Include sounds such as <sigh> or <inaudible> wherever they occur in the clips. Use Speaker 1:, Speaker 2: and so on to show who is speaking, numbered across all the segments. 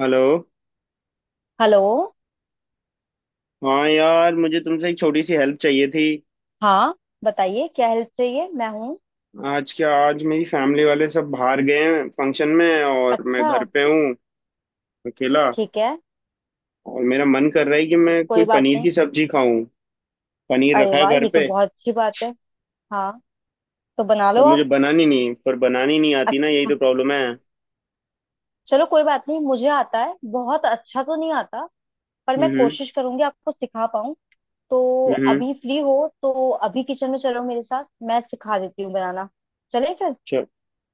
Speaker 1: Hello.
Speaker 2: Hello.
Speaker 1: हाँ यार, मुझे तुमसे एक छोटी सी हेल्प चाहिए थी।
Speaker 2: हाँ, बताइए क्या हेल्प चाहिए, मैं हूँ।
Speaker 1: आज क्या आज मेरी फैमिली वाले सब बाहर गए हैं फंक्शन में, और मैं
Speaker 2: अच्छा।
Speaker 1: घर पे हूँ अकेला।
Speaker 2: ठीक है,
Speaker 1: और मेरा मन कर रहा है कि मैं कोई
Speaker 2: कोई बात
Speaker 1: पनीर
Speaker 2: नहीं।
Speaker 1: की सब्जी खाऊं। पनीर
Speaker 2: अरे
Speaker 1: रखा है
Speaker 2: वाह,
Speaker 1: घर
Speaker 2: ये तो
Speaker 1: पे।
Speaker 2: बहुत अच्छी बात है। हाँ, तो बना
Speaker 1: पर
Speaker 2: लो
Speaker 1: मुझे
Speaker 2: आप।
Speaker 1: बनानी नहीं, पर बनानी नहीं आती ना, यही
Speaker 2: अच्छा,
Speaker 1: तो प्रॉब्लम है।
Speaker 2: चलो कोई बात नहीं, मुझे आता है, बहुत अच्छा तो नहीं आता, पर मैं
Speaker 1: हम्म।
Speaker 2: कोशिश करूंगी आपको सिखा पाऊँ। तो
Speaker 1: हम्म।
Speaker 2: अभी फ्री हो? तो अभी किचन में चलो मेरे साथ, मैं सिखा देती हूँ बनाना। चले फिर।
Speaker 1: चल।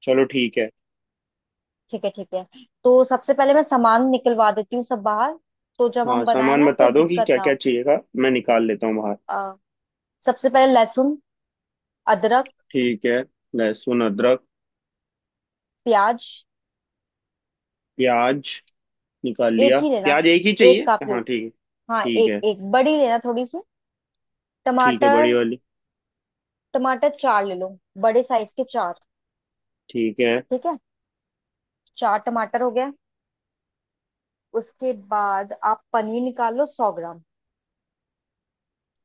Speaker 1: चलो ठीक है।
Speaker 2: ठीक है ठीक है। तो सबसे पहले मैं सामान निकलवा देती हूँ सब बाहर, तो जब
Speaker 1: हाँ,
Speaker 2: हम बनाए
Speaker 1: सामान
Speaker 2: ना, तो
Speaker 1: बता दो कि
Speaker 2: दिक्कत
Speaker 1: क्या
Speaker 2: ना
Speaker 1: क्या
Speaker 2: हो।
Speaker 1: चाहिएगा, मैं निकाल लेता हूँ बाहर।
Speaker 2: अ, सबसे पहले लहसुन, अदरक,
Speaker 1: ठीक है, लहसुन अदरक।
Speaker 2: प्याज।
Speaker 1: प्याज निकाल
Speaker 2: एक
Speaker 1: लिया।
Speaker 2: ही लेना,
Speaker 1: प्याज एक ही
Speaker 2: एक
Speaker 1: चाहिए?
Speaker 2: काप लो।
Speaker 1: हाँ, ठीक है
Speaker 2: हाँ,
Speaker 1: ठीक
Speaker 2: एक
Speaker 1: है।
Speaker 2: एक बड़ी लेना, थोड़ी सी।
Speaker 1: ठीक है बड़ी
Speaker 2: टमाटर,
Speaker 1: वाली।
Speaker 2: टमाटर चार ले लो, बड़े साइज के चार।
Speaker 1: ठीक है।
Speaker 2: ठीक है, चार टमाटर हो गया। उसके बाद आप पनीर निकाल लो, 100 ग्राम।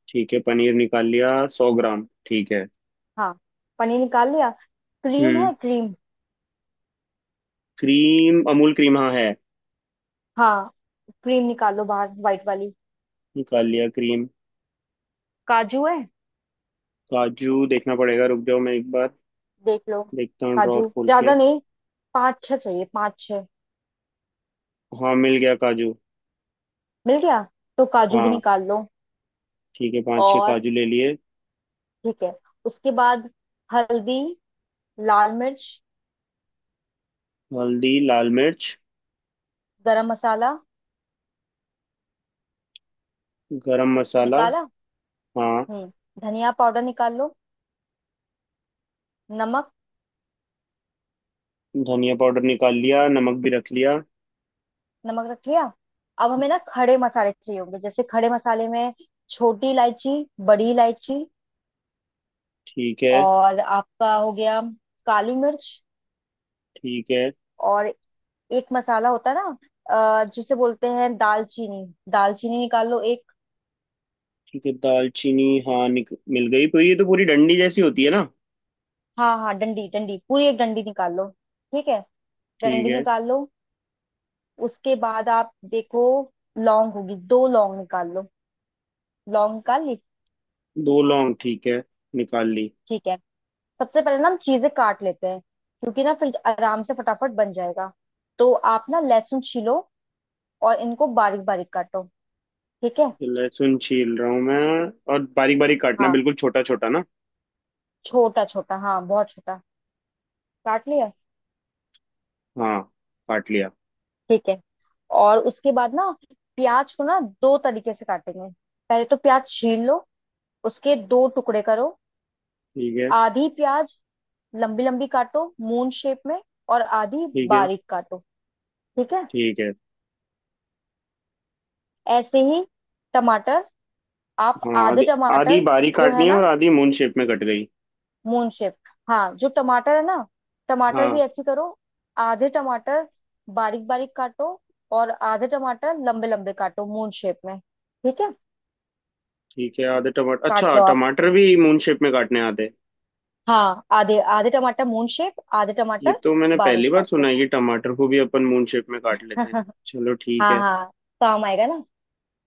Speaker 1: ठीक है, पनीर निकाल लिया। 100 ग्राम, ठीक है।
Speaker 2: हाँ, पनीर निकाल लिया। क्रीम
Speaker 1: हम्म।
Speaker 2: है क्रीम?
Speaker 1: क्रीम, अमूल क्रीम हाँ है।
Speaker 2: हाँ, क्रीम निकाल लो बाहर, वाइट वाली।
Speaker 1: निकाल लिया क्रीम।
Speaker 2: काजू है?
Speaker 1: काजू देखना पड़ेगा, रुक जाओ मैं एक बार
Speaker 2: देख लो।
Speaker 1: देखता हूँ ड्रॉर
Speaker 2: काजू
Speaker 1: खोल के।
Speaker 2: ज्यादा नहीं, पाँच छह चाहिए, पाँच छह।
Speaker 1: हाँ मिल गया काजू।
Speaker 2: मिल गया, तो काजू भी
Speaker 1: हाँ,
Speaker 2: निकाल लो।
Speaker 1: ठीक है, पांच छह
Speaker 2: और
Speaker 1: काजू ले लिए।
Speaker 2: ठीक है, उसके बाद हल्दी, लाल मिर्च,
Speaker 1: हल्दी लाल मिर्च।
Speaker 2: गरम मसाला
Speaker 1: गरम मसाला।
Speaker 2: निकाला।
Speaker 1: हाँ।
Speaker 2: हम्म। धनिया पाउडर निकाल लो, नमक।
Speaker 1: धनिया पाउडर निकाल लिया, नमक भी रख लिया।
Speaker 2: नमक रख लिया। अब हमें ना खड़े मसाले चाहिए होंगे, जैसे खड़े मसाले में छोटी इलायची, बड़ी इलायची,
Speaker 1: ठीक है।
Speaker 2: और आपका हो गया काली मिर्च,
Speaker 1: ठीक है।
Speaker 2: और एक मसाला होता है ना, जिसे बोलते हैं दालचीनी। दालचीनी निकाल लो एक।
Speaker 1: ठीक है, दालचीनी हाँ मिल गई। तो ये तो पूरी डंडी जैसी होती है ना?
Speaker 2: हाँ हाँ, डंडी डंडी पूरी, एक डंडी निकाल लो। ठीक है,
Speaker 1: ठीक
Speaker 2: डंडी
Speaker 1: है।
Speaker 2: निकाल लो। उसके बाद आप देखो लौंग होगी, दो लौंग निकाल लो, लौंग निकाल ली।
Speaker 1: दो लौंग, ठीक है, निकाल ली।
Speaker 2: ठीक है। सबसे पहले ना हम चीजें काट लेते हैं, क्योंकि ना फिर आराम से फटाफट बन जाएगा। तो आप ना लहसुन छीलो, और इनको बारीक बारीक काटो। ठीक है।
Speaker 1: लहसुन छील रहा हूँ मैं। और बारीक बारीक काटना,
Speaker 2: हाँ,
Speaker 1: बिल्कुल छोटा छोटा ना?
Speaker 2: छोटा छोटा, हाँ बहुत छोटा। काट लिया?
Speaker 1: हाँ, काट लिया।
Speaker 2: ठीक है। और उसके बाद ना प्याज को ना दो तरीके से काटेंगे। पहले तो प्याज छील लो, उसके दो टुकड़े करो।
Speaker 1: ठीक है।
Speaker 2: आधी प्याज लंबी लंबी काटो, मून शेप में, और आधी
Speaker 1: ठीक है।
Speaker 2: बारीक काटो। ठीक है,
Speaker 1: ठीक है।
Speaker 2: ऐसे ही। टमाटर, आप
Speaker 1: हाँ
Speaker 2: आधे
Speaker 1: आधी। आधी
Speaker 2: टमाटर
Speaker 1: बारीक
Speaker 2: जो है
Speaker 1: काटनी है और
Speaker 2: ना
Speaker 1: आधी मून शेप में कट गई।
Speaker 2: मून शेप, हाँ जो टमाटर है ना, टमाटर भी
Speaker 1: हाँ।
Speaker 2: ऐसे करो। आधे टमाटर बारीक बारीक काटो, और आधे टमाटर लंबे लंबे काटो मून शेप में। ठीक है,
Speaker 1: ठीक है। आधे टमाटर,
Speaker 2: काट
Speaker 1: अच्छा
Speaker 2: लो आप।
Speaker 1: टमाटर भी मून शेप में काटने आते हैं।
Speaker 2: हाँ, आधे आधे टमाटर मून शेप, आधे
Speaker 1: ये
Speaker 2: टमाटर
Speaker 1: तो मैंने
Speaker 2: बारीक
Speaker 1: पहली बार
Speaker 2: काट लो।
Speaker 1: सुना है कि टमाटर को भी अपन मून शेप में काट लेते हैं।
Speaker 2: <laughs>
Speaker 1: चलो ठीक
Speaker 2: हाँ
Speaker 1: है।
Speaker 2: हाँ, काम आएगा ना।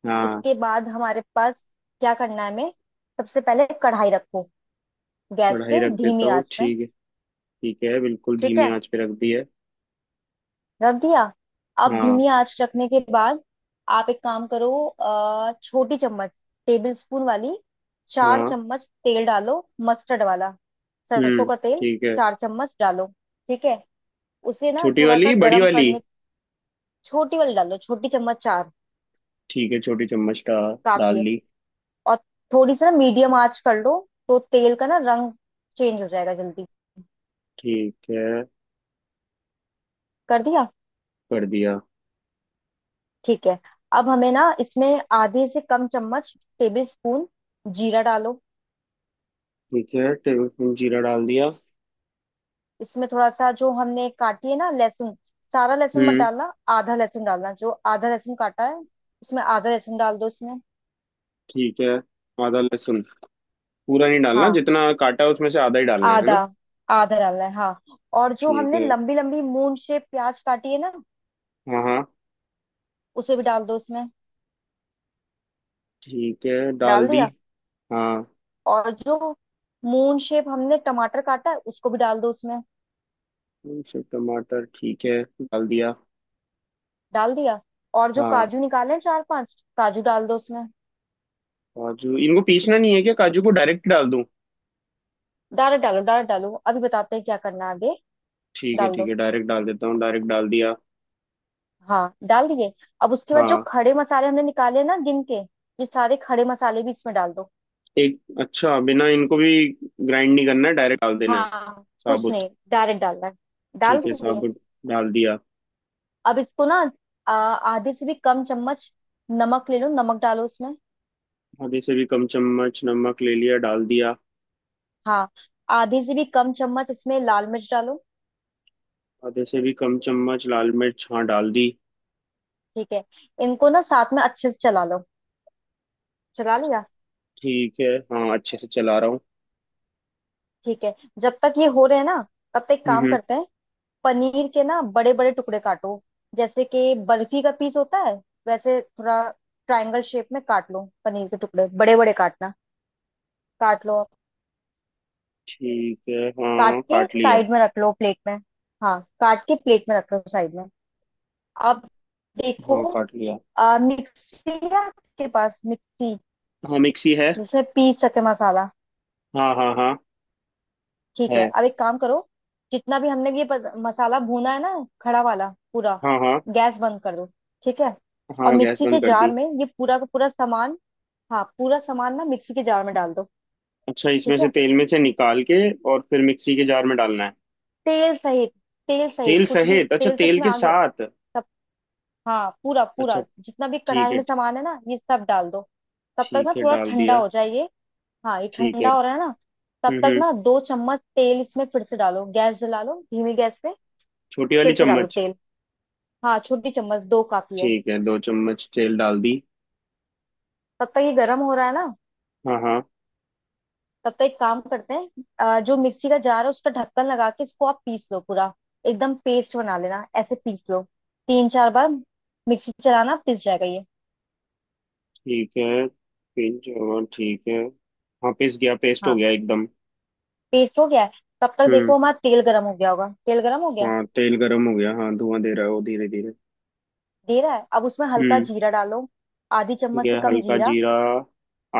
Speaker 1: हाँ।
Speaker 2: इसके बाद हमारे पास क्या करना है हमें, सबसे पहले कढ़ाई रखो गैस
Speaker 1: कढ़ाई
Speaker 2: पे
Speaker 1: रख देता
Speaker 2: धीमी
Speaker 1: हूँ,
Speaker 2: आंच में।
Speaker 1: ठीक है। ठीक है, बिल्कुल
Speaker 2: ठीक
Speaker 1: धीमी
Speaker 2: है,
Speaker 1: आंच पे रख दी है।
Speaker 2: रख दिया। अब
Speaker 1: हाँ
Speaker 2: धीमी आंच रखने के बाद आप एक काम करो, छोटी चम्मच टेबल स्पून वाली, चार
Speaker 1: हाँ।
Speaker 2: चम्मच तेल डालो, मस्टर्ड वाला, सरसों
Speaker 1: हम्म।
Speaker 2: का तेल।
Speaker 1: ठीक है।
Speaker 2: चार चम्मच डालो। ठीक है, उसे ना
Speaker 1: छोटी
Speaker 2: थोड़ा सा
Speaker 1: वाली बड़ी
Speaker 2: गरम
Speaker 1: वाली?
Speaker 2: करने। छोटी वाली डालो, छोटी चम्मच चार
Speaker 1: ठीक है, छोटी चम्मच का, डाल
Speaker 2: काफी है।
Speaker 1: ली।
Speaker 2: और थोड़ी सी ना मीडियम आंच कर लो, तो तेल का ना रंग चेंज हो जाएगा जल्दी।
Speaker 1: ठीक है,
Speaker 2: कर दिया?
Speaker 1: कर दिया।
Speaker 2: ठीक है। अब हमें ना इसमें आधे से कम चम्मच टेबल स्पून जीरा डालो।
Speaker 1: ठीक है, टेबल स्पून जीरा डाल दिया।
Speaker 2: इसमें थोड़ा सा जो हमने काटी है ना लहसुन, सारा लहसुन मत
Speaker 1: हम्म।
Speaker 2: डालना, आधा लहसुन डालना, जो आधा लहसुन काटा है उसमें, आधा लहसुन डाल दो इसमें।
Speaker 1: ठीक है, आधा लहसुन, पूरा नहीं डालना,
Speaker 2: हाँ,
Speaker 1: जितना काटा है उसमें से आधा ही डालना है
Speaker 2: आधा,
Speaker 1: ना?
Speaker 2: आधा डालना है हाँ। और जो
Speaker 1: ठीक
Speaker 2: हमने
Speaker 1: है।
Speaker 2: लंबी लंबी मून शेप प्याज काटी है ना,
Speaker 1: हाँ हाँ।
Speaker 2: उसे भी डाल दो इसमें।
Speaker 1: ठीक है, डाल
Speaker 2: डाल
Speaker 1: दी।
Speaker 2: दिया।
Speaker 1: हाँ,
Speaker 2: और जो मून शेप हमने टमाटर काटा है, उसको भी डाल दो उसमें।
Speaker 1: सब टमाटर, ठीक है डाल दिया।
Speaker 2: डाल दिया। और जो
Speaker 1: हाँ,
Speaker 2: काजू निकाले हैं, चार पांच काजू डाल दो उसमें।
Speaker 1: काजू इनको पीसना नहीं है क्या? काजू को डायरेक्ट डाल दूं?
Speaker 2: डायरेक्ट डालो, डायरेक्ट डालो, अभी बताते हैं क्या करना है आगे।
Speaker 1: ठीक है
Speaker 2: डाल दो।
Speaker 1: ठीक है, डायरेक्ट डाल देता हूँ, डायरेक्ट डाल दिया।
Speaker 2: हाँ, डाल दिए। अब उसके बाद जो
Speaker 1: हाँ,
Speaker 2: खड़े मसाले हमने निकाले ना गिन के, ये सारे खड़े मसाले भी इसमें डाल दो।
Speaker 1: एक अच्छा, बिना इनको भी ग्राइंड नहीं करना है, डायरेक्ट डाल देना है
Speaker 2: हाँ, कुछ
Speaker 1: साबुत।
Speaker 2: नहीं, डायरेक्ट डालना है। डाल
Speaker 1: ठीक है
Speaker 2: दिए।
Speaker 1: साबुत, डाल दिया।
Speaker 2: अब इसको ना आधे से भी कम चम्मच नमक ले लो, नमक डालो इसमें।
Speaker 1: आधे से भी कम चम्मच नमक ले लिया, डाल दिया।
Speaker 2: हाँ, आधे से भी कम चम्मच इसमें लाल मिर्च डालो।
Speaker 1: आधे से भी कम चम्मच लाल मिर्च, हाँ डाल दी।
Speaker 2: ठीक है, इनको ना साथ में अच्छे से चला लो। चला लिया?
Speaker 1: ठीक है। हाँ अच्छे से चला रहा हूँ।
Speaker 2: ठीक है। जब तक ये हो रहे हैं ना, तब तक एक
Speaker 1: हम्म
Speaker 2: काम
Speaker 1: हम्म,
Speaker 2: करते हैं, पनीर के ना बड़े बड़े टुकड़े काटो। जैसे कि बर्फी का पीस होता है, वैसे थोड़ा ट्रायंगल शेप में काट लो, पनीर के टुकड़े बड़े बड़े काटना। काट लो।
Speaker 1: ठीक है,
Speaker 2: काट
Speaker 1: हाँ
Speaker 2: के
Speaker 1: काट लिया।
Speaker 2: साइड में रख लो प्लेट में। हाँ, काट के प्लेट में रख लो साइड में। अब देखो,
Speaker 1: हाँ काट लिया।
Speaker 2: मिक्सी है आपके पास मिक्सी,
Speaker 1: हाँ मिक्सी है।
Speaker 2: जिससे पीस सके मसाला।
Speaker 1: हाँ हाँ हाँ,
Speaker 2: ठीक है,
Speaker 1: है।
Speaker 2: अब एक काम करो, जितना भी हमने ये मसाला भूना है ना खड़ा वाला पूरा,
Speaker 1: हाँ हाँ।
Speaker 2: गैस बंद कर दो। ठीक है, और
Speaker 1: हाँ, गैस
Speaker 2: मिक्सी
Speaker 1: बंद
Speaker 2: के
Speaker 1: कर दी।
Speaker 2: जार में ये पूरा का पूरा सामान, हाँ पूरा सामान ना मिक्सी के जार में डाल दो।
Speaker 1: अच्छा, इसमें
Speaker 2: ठीक
Speaker 1: से
Speaker 2: है,
Speaker 1: तेल में से निकाल के और फिर मिक्सी के जार में डालना है?
Speaker 2: तेल सहित, तेल सहित,
Speaker 1: तेल
Speaker 2: कुछ भी,
Speaker 1: सहित, अच्छा,
Speaker 2: तेल तो
Speaker 1: तेल
Speaker 2: इसमें
Speaker 1: के
Speaker 2: आ गया
Speaker 1: साथ।
Speaker 2: सब। हाँ पूरा
Speaker 1: अच्छा,
Speaker 2: पूरा, जितना भी
Speaker 1: ठीक
Speaker 2: कढ़ाई
Speaker 1: है।
Speaker 2: में सामान है ना, ये सब डाल दो। तब तक ना
Speaker 1: ठीक है
Speaker 2: थोड़ा
Speaker 1: डाल
Speaker 2: ठंडा
Speaker 1: दिया।
Speaker 2: हो जाए ये। हाँ ये
Speaker 1: ठीक है।
Speaker 2: ठंडा हो रहा है ना, तब तक
Speaker 1: हम्म,
Speaker 2: ना दो चम्मच तेल इसमें फिर से डालो, गैस जला लो धीमी गैस पे।
Speaker 1: छोटी वाली
Speaker 2: फिर से डालो
Speaker 1: चम्मच?
Speaker 2: तेल, हाँ छोटी चम्मच दो काफी है।
Speaker 1: ठीक है, दो चम्मच तेल डाल दी।
Speaker 2: तब तक ये गर्म हो रहा है ना,
Speaker 1: हाँ हाँ।
Speaker 2: तब तो एक काम करते हैं, जो मिक्सी का जार है, उसका ढक्कन लगा के इसको आप पीस लो पूरा, एकदम पेस्ट बना लेना, ऐसे पीस लो। तीन चार बार मिक्सी चलाना, पिस जाएगा ये।
Speaker 1: ठीक है। पिंच और ठीक है। हाँ पिस गया, पेस्ट हो
Speaker 2: हाँ,
Speaker 1: गया एकदम।
Speaker 2: पेस्ट हो गया है। तब तक
Speaker 1: हम्म।
Speaker 2: देखो हमारा तेल गर्म हो गया होगा, तेल गर्म हो गया।
Speaker 1: हाँ तेल गर्म हो गया, हाँ धुआं दे रहा है वो धीरे धीरे।
Speaker 2: दे रहा है, अब उसमें हल्का
Speaker 1: हम्म।
Speaker 2: जीरा डालो, आधी
Speaker 1: ठीक
Speaker 2: चम्मच से
Speaker 1: है
Speaker 2: कम
Speaker 1: हल्का
Speaker 2: जीरा।
Speaker 1: जीरा,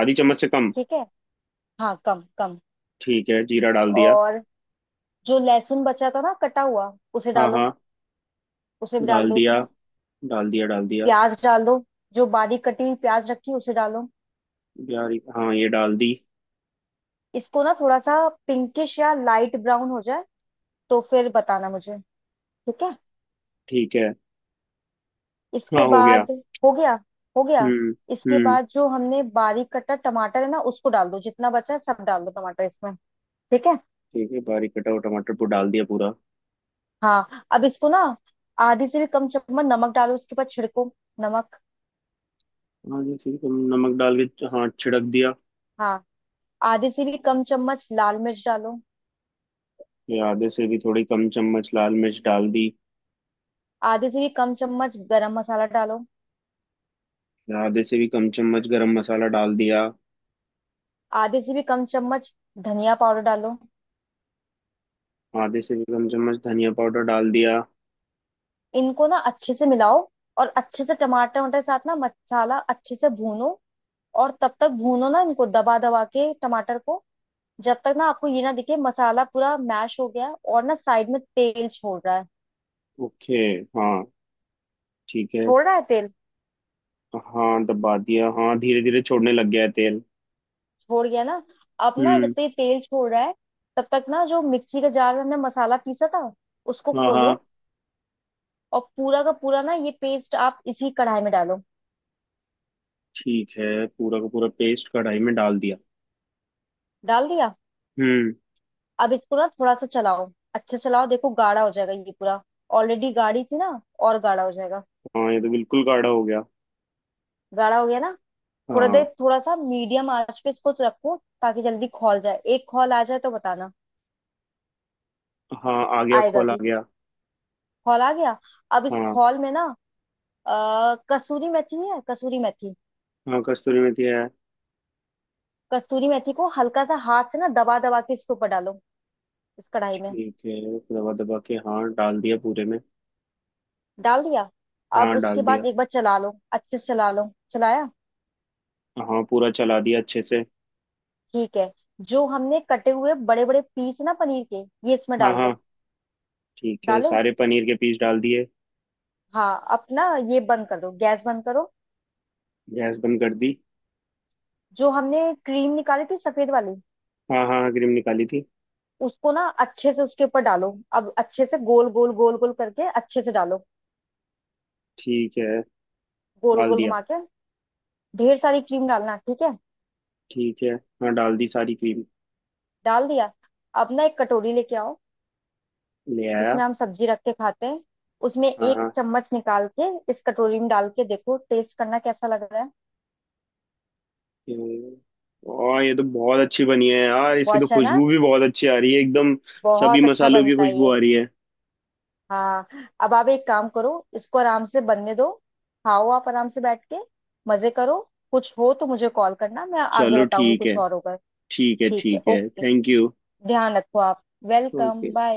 Speaker 1: आधी चम्मच से कम।
Speaker 2: ठीक है, हाँ कम कम।
Speaker 1: ठीक है, जीरा डाल दिया।
Speaker 2: और जो लहसुन बचा था ना कटा हुआ, उसे
Speaker 1: हाँ
Speaker 2: डालो,
Speaker 1: हाँ।
Speaker 2: उसे भी डाल
Speaker 1: डाल
Speaker 2: दो
Speaker 1: दिया,
Speaker 2: उसमें।
Speaker 1: डाल दिया डाल दिया।
Speaker 2: प्याज डाल दो, जो बारीक कटी हुई प्याज रखी है, उसे डालो।
Speaker 1: यार, हाँ ये डाल दी।
Speaker 2: इसको ना थोड़ा सा पिंकिश या लाइट ब्राउन हो जाए, तो फिर बताना मुझे। ठीक है,
Speaker 1: ठीक है।
Speaker 2: इसके
Speaker 1: हाँ हो गया।
Speaker 2: बाद हो गया? हो गया।
Speaker 1: हम्म।
Speaker 2: इसके
Speaker 1: हम्म।
Speaker 2: बाद जो हमने बारीक कटा टमाटर है ना, उसको डाल दो, जितना बचा है सब डाल दो टमाटर इसमें। ठीक है।
Speaker 1: ठीक है, बारीक कटा हुआ टमाटर को डाल दिया पूरा।
Speaker 2: हाँ, अब इसको ना आधी से भी कम चम्मच नमक डालो, उसके बाद छिड़को नमक।
Speaker 1: हाँ जी ठीक है, नमक डाल के हाँ छिड़क दिया।
Speaker 2: हाँ, आधे से भी कम चम्मच लाल मिर्च डालो।
Speaker 1: फिर आधे से भी थोड़ी कम चम्मच लाल मिर्च डाल दी।
Speaker 2: आधे से भी कम चम्मच गरम मसाला डालो।
Speaker 1: फिर आधे से भी कम चम्मच गरम मसाला डाल दिया।
Speaker 2: आधे से भी कम चम्मच धनिया पाउडर डालो।
Speaker 1: आधे से भी कम चम्मच धनिया पाउडर डाल दिया।
Speaker 2: इनको ना अच्छे से मिलाओ, और अच्छे से टमाटर, टमाटर के साथ ना मसाला अच्छे से भूनो। और तब तक भूनो ना, इनको दबा दबा के टमाटर को, जब तक ना आपको ये ना दिखे मसाला पूरा मैश हो गया है, और ना साइड में तेल छोड़ रहा है।
Speaker 1: ओके। हाँ। ठीक है।
Speaker 2: छोड़ रहा है तेल?
Speaker 1: हाँ दबा दिया, हाँ धीरे धीरे छोड़ने लग गया है तेल।
Speaker 2: छोड़ गया ना। अब ना जब
Speaker 1: हम्म।
Speaker 2: तक ये तेल छोड़ रहा है, तब तक ना जो मिक्सी के जार में हमने मसाला पीसा था, उसको
Speaker 1: हाँ हाँ।
Speaker 2: खोलो, और पूरा का पूरा ना ये पेस्ट आप इसी कढ़ाई में डालो।
Speaker 1: ठीक है, पूरा का पूरा पेस्ट कढ़ाई में डाल दिया।
Speaker 2: डाल दिया।
Speaker 1: हम्म।
Speaker 2: अब इसको ना थोड़ा सा चलाओ, अच्छा चलाओ, देखो गाढ़ा हो जाएगा ये पूरा। ऑलरेडी गाढ़ी थी ना, और गाढ़ा हो जाएगा।
Speaker 1: हाँ ये तो बिल्कुल गाढ़ा हो गया।
Speaker 2: गाढ़ा हो गया ना। थोड़ा
Speaker 1: हाँ।
Speaker 2: देर थोड़ा सा मीडियम आंच पे इसको तो रखो, ताकि जल्दी खौल जाए, एक खौल आ जाए तो बताना।
Speaker 1: हाँ आ गया,
Speaker 2: आएगा
Speaker 1: खोल आ
Speaker 2: भी।
Speaker 1: गया।
Speaker 2: खौल आ गया। अब इस
Speaker 1: हाँ।
Speaker 2: खौल में ना कसूरी मेथी है? कसूरी मेथी।
Speaker 1: हाँ कस्तूरी मेथी है।
Speaker 2: कसूरी मेथी को हल्का सा हाथ से ना दबा दबा के इसके ऊपर डालो, इस कढ़ाई में।
Speaker 1: ठीक है, दबा दबा के हाँ डाल दिया पूरे में।
Speaker 2: डाल दिया।
Speaker 1: हाँ
Speaker 2: अब उसके
Speaker 1: डाल दिया।
Speaker 2: बाद एक बार चला लो, अच्छे से चला लो। चलाया?
Speaker 1: हाँ पूरा चला दिया अच्छे से।
Speaker 2: ठीक है। जो हमने कटे हुए बड़े बड़े पीस ना पनीर के, ये इसमें
Speaker 1: हाँ
Speaker 2: डाल
Speaker 1: हाँ,
Speaker 2: दो।
Speaker 1: ठीक है
Speaker 2: डाले?
Speaker 1: सारे पनीर के पीस डाल दिए।
Speaker 2: हाँ, अपना ये बंद कर दो, गैस बंद करो।
Speaker 1: गैस बंद कर दी।
Speaker 2: जो हमने क्रीम निकाली थी सफेद वाली,
Speaker 1: हाँ हाँ क्रीम निकाली थी।
Speaker 2: उसको ना अच्छे से उसके ऊपर डालो, अब अच्छे से गोल गोल गोल गोल करके अच्छे से डालो,
Speaker 1: ठीक है
Speaker 2: गोल
Speaker 1: डाल
Speaker 2: गोल
Speaker 1: दिया।
Speaker 2: घुमा के। ढेर सारी क्रीम डालना, ठीक है।
Speaker 1: ठीक है, हाँ डाल दी सारी क्रीम।
Speaker 2: डाल दिया। अब ना एक कटोरी लेके आओ,
Speaker 1: ले आया।
Speaker 2: जिसमें हम सब्जी रख के खाते हैं, उसमें
Speaker 1: हाँ
Speaker 2: एक
Speaker 1: हाँ।
Speaker 2: चम्मच निकाल के इस कटोरी में डाल के देखो, टेस्ट करना कैसा लग रहा है।
Speaker 1: हम्म। और ये तो बहुत अच्छी बनी है यार, इसकी
Speaker 2: बहुत
Speaker 1: तो
Speaker 2: अच्छा है ना,
Speaker 1: खुशबू भी बहुत अच्छी आ रही है एकदम। सभी
Speaker 2: बहुत अच्छा
Speaker 1: मसालों की
Speaker 2: बनता है
Speaker 1: खुशबू
Speaker 2: ये।
Speaker 1: आ रही है।
Speaker 2: हाँ, अब आप एक काम करो, इसको आराम से बनने दो, खाओ आप आराम से बैठ के, मजे करो। कुछ हो तो मुझे कॉल करना, मैं आगे
Speaker 1: चलो
Speaker 2: बताऊंगी
Speaker 1: ठीक है।
Speaker 2: कुछ और होगा।
Speaker 1: ठीक है
Speaker 2: ठीक है,
Speaker 1: ठीक है,
Speaker 2: ओके,
Speaker 1: थैंक यू।
Speaker 2: ध्यान रखो आप।
Speaker 1: ओके।
Speaker 2: Welcome, bye.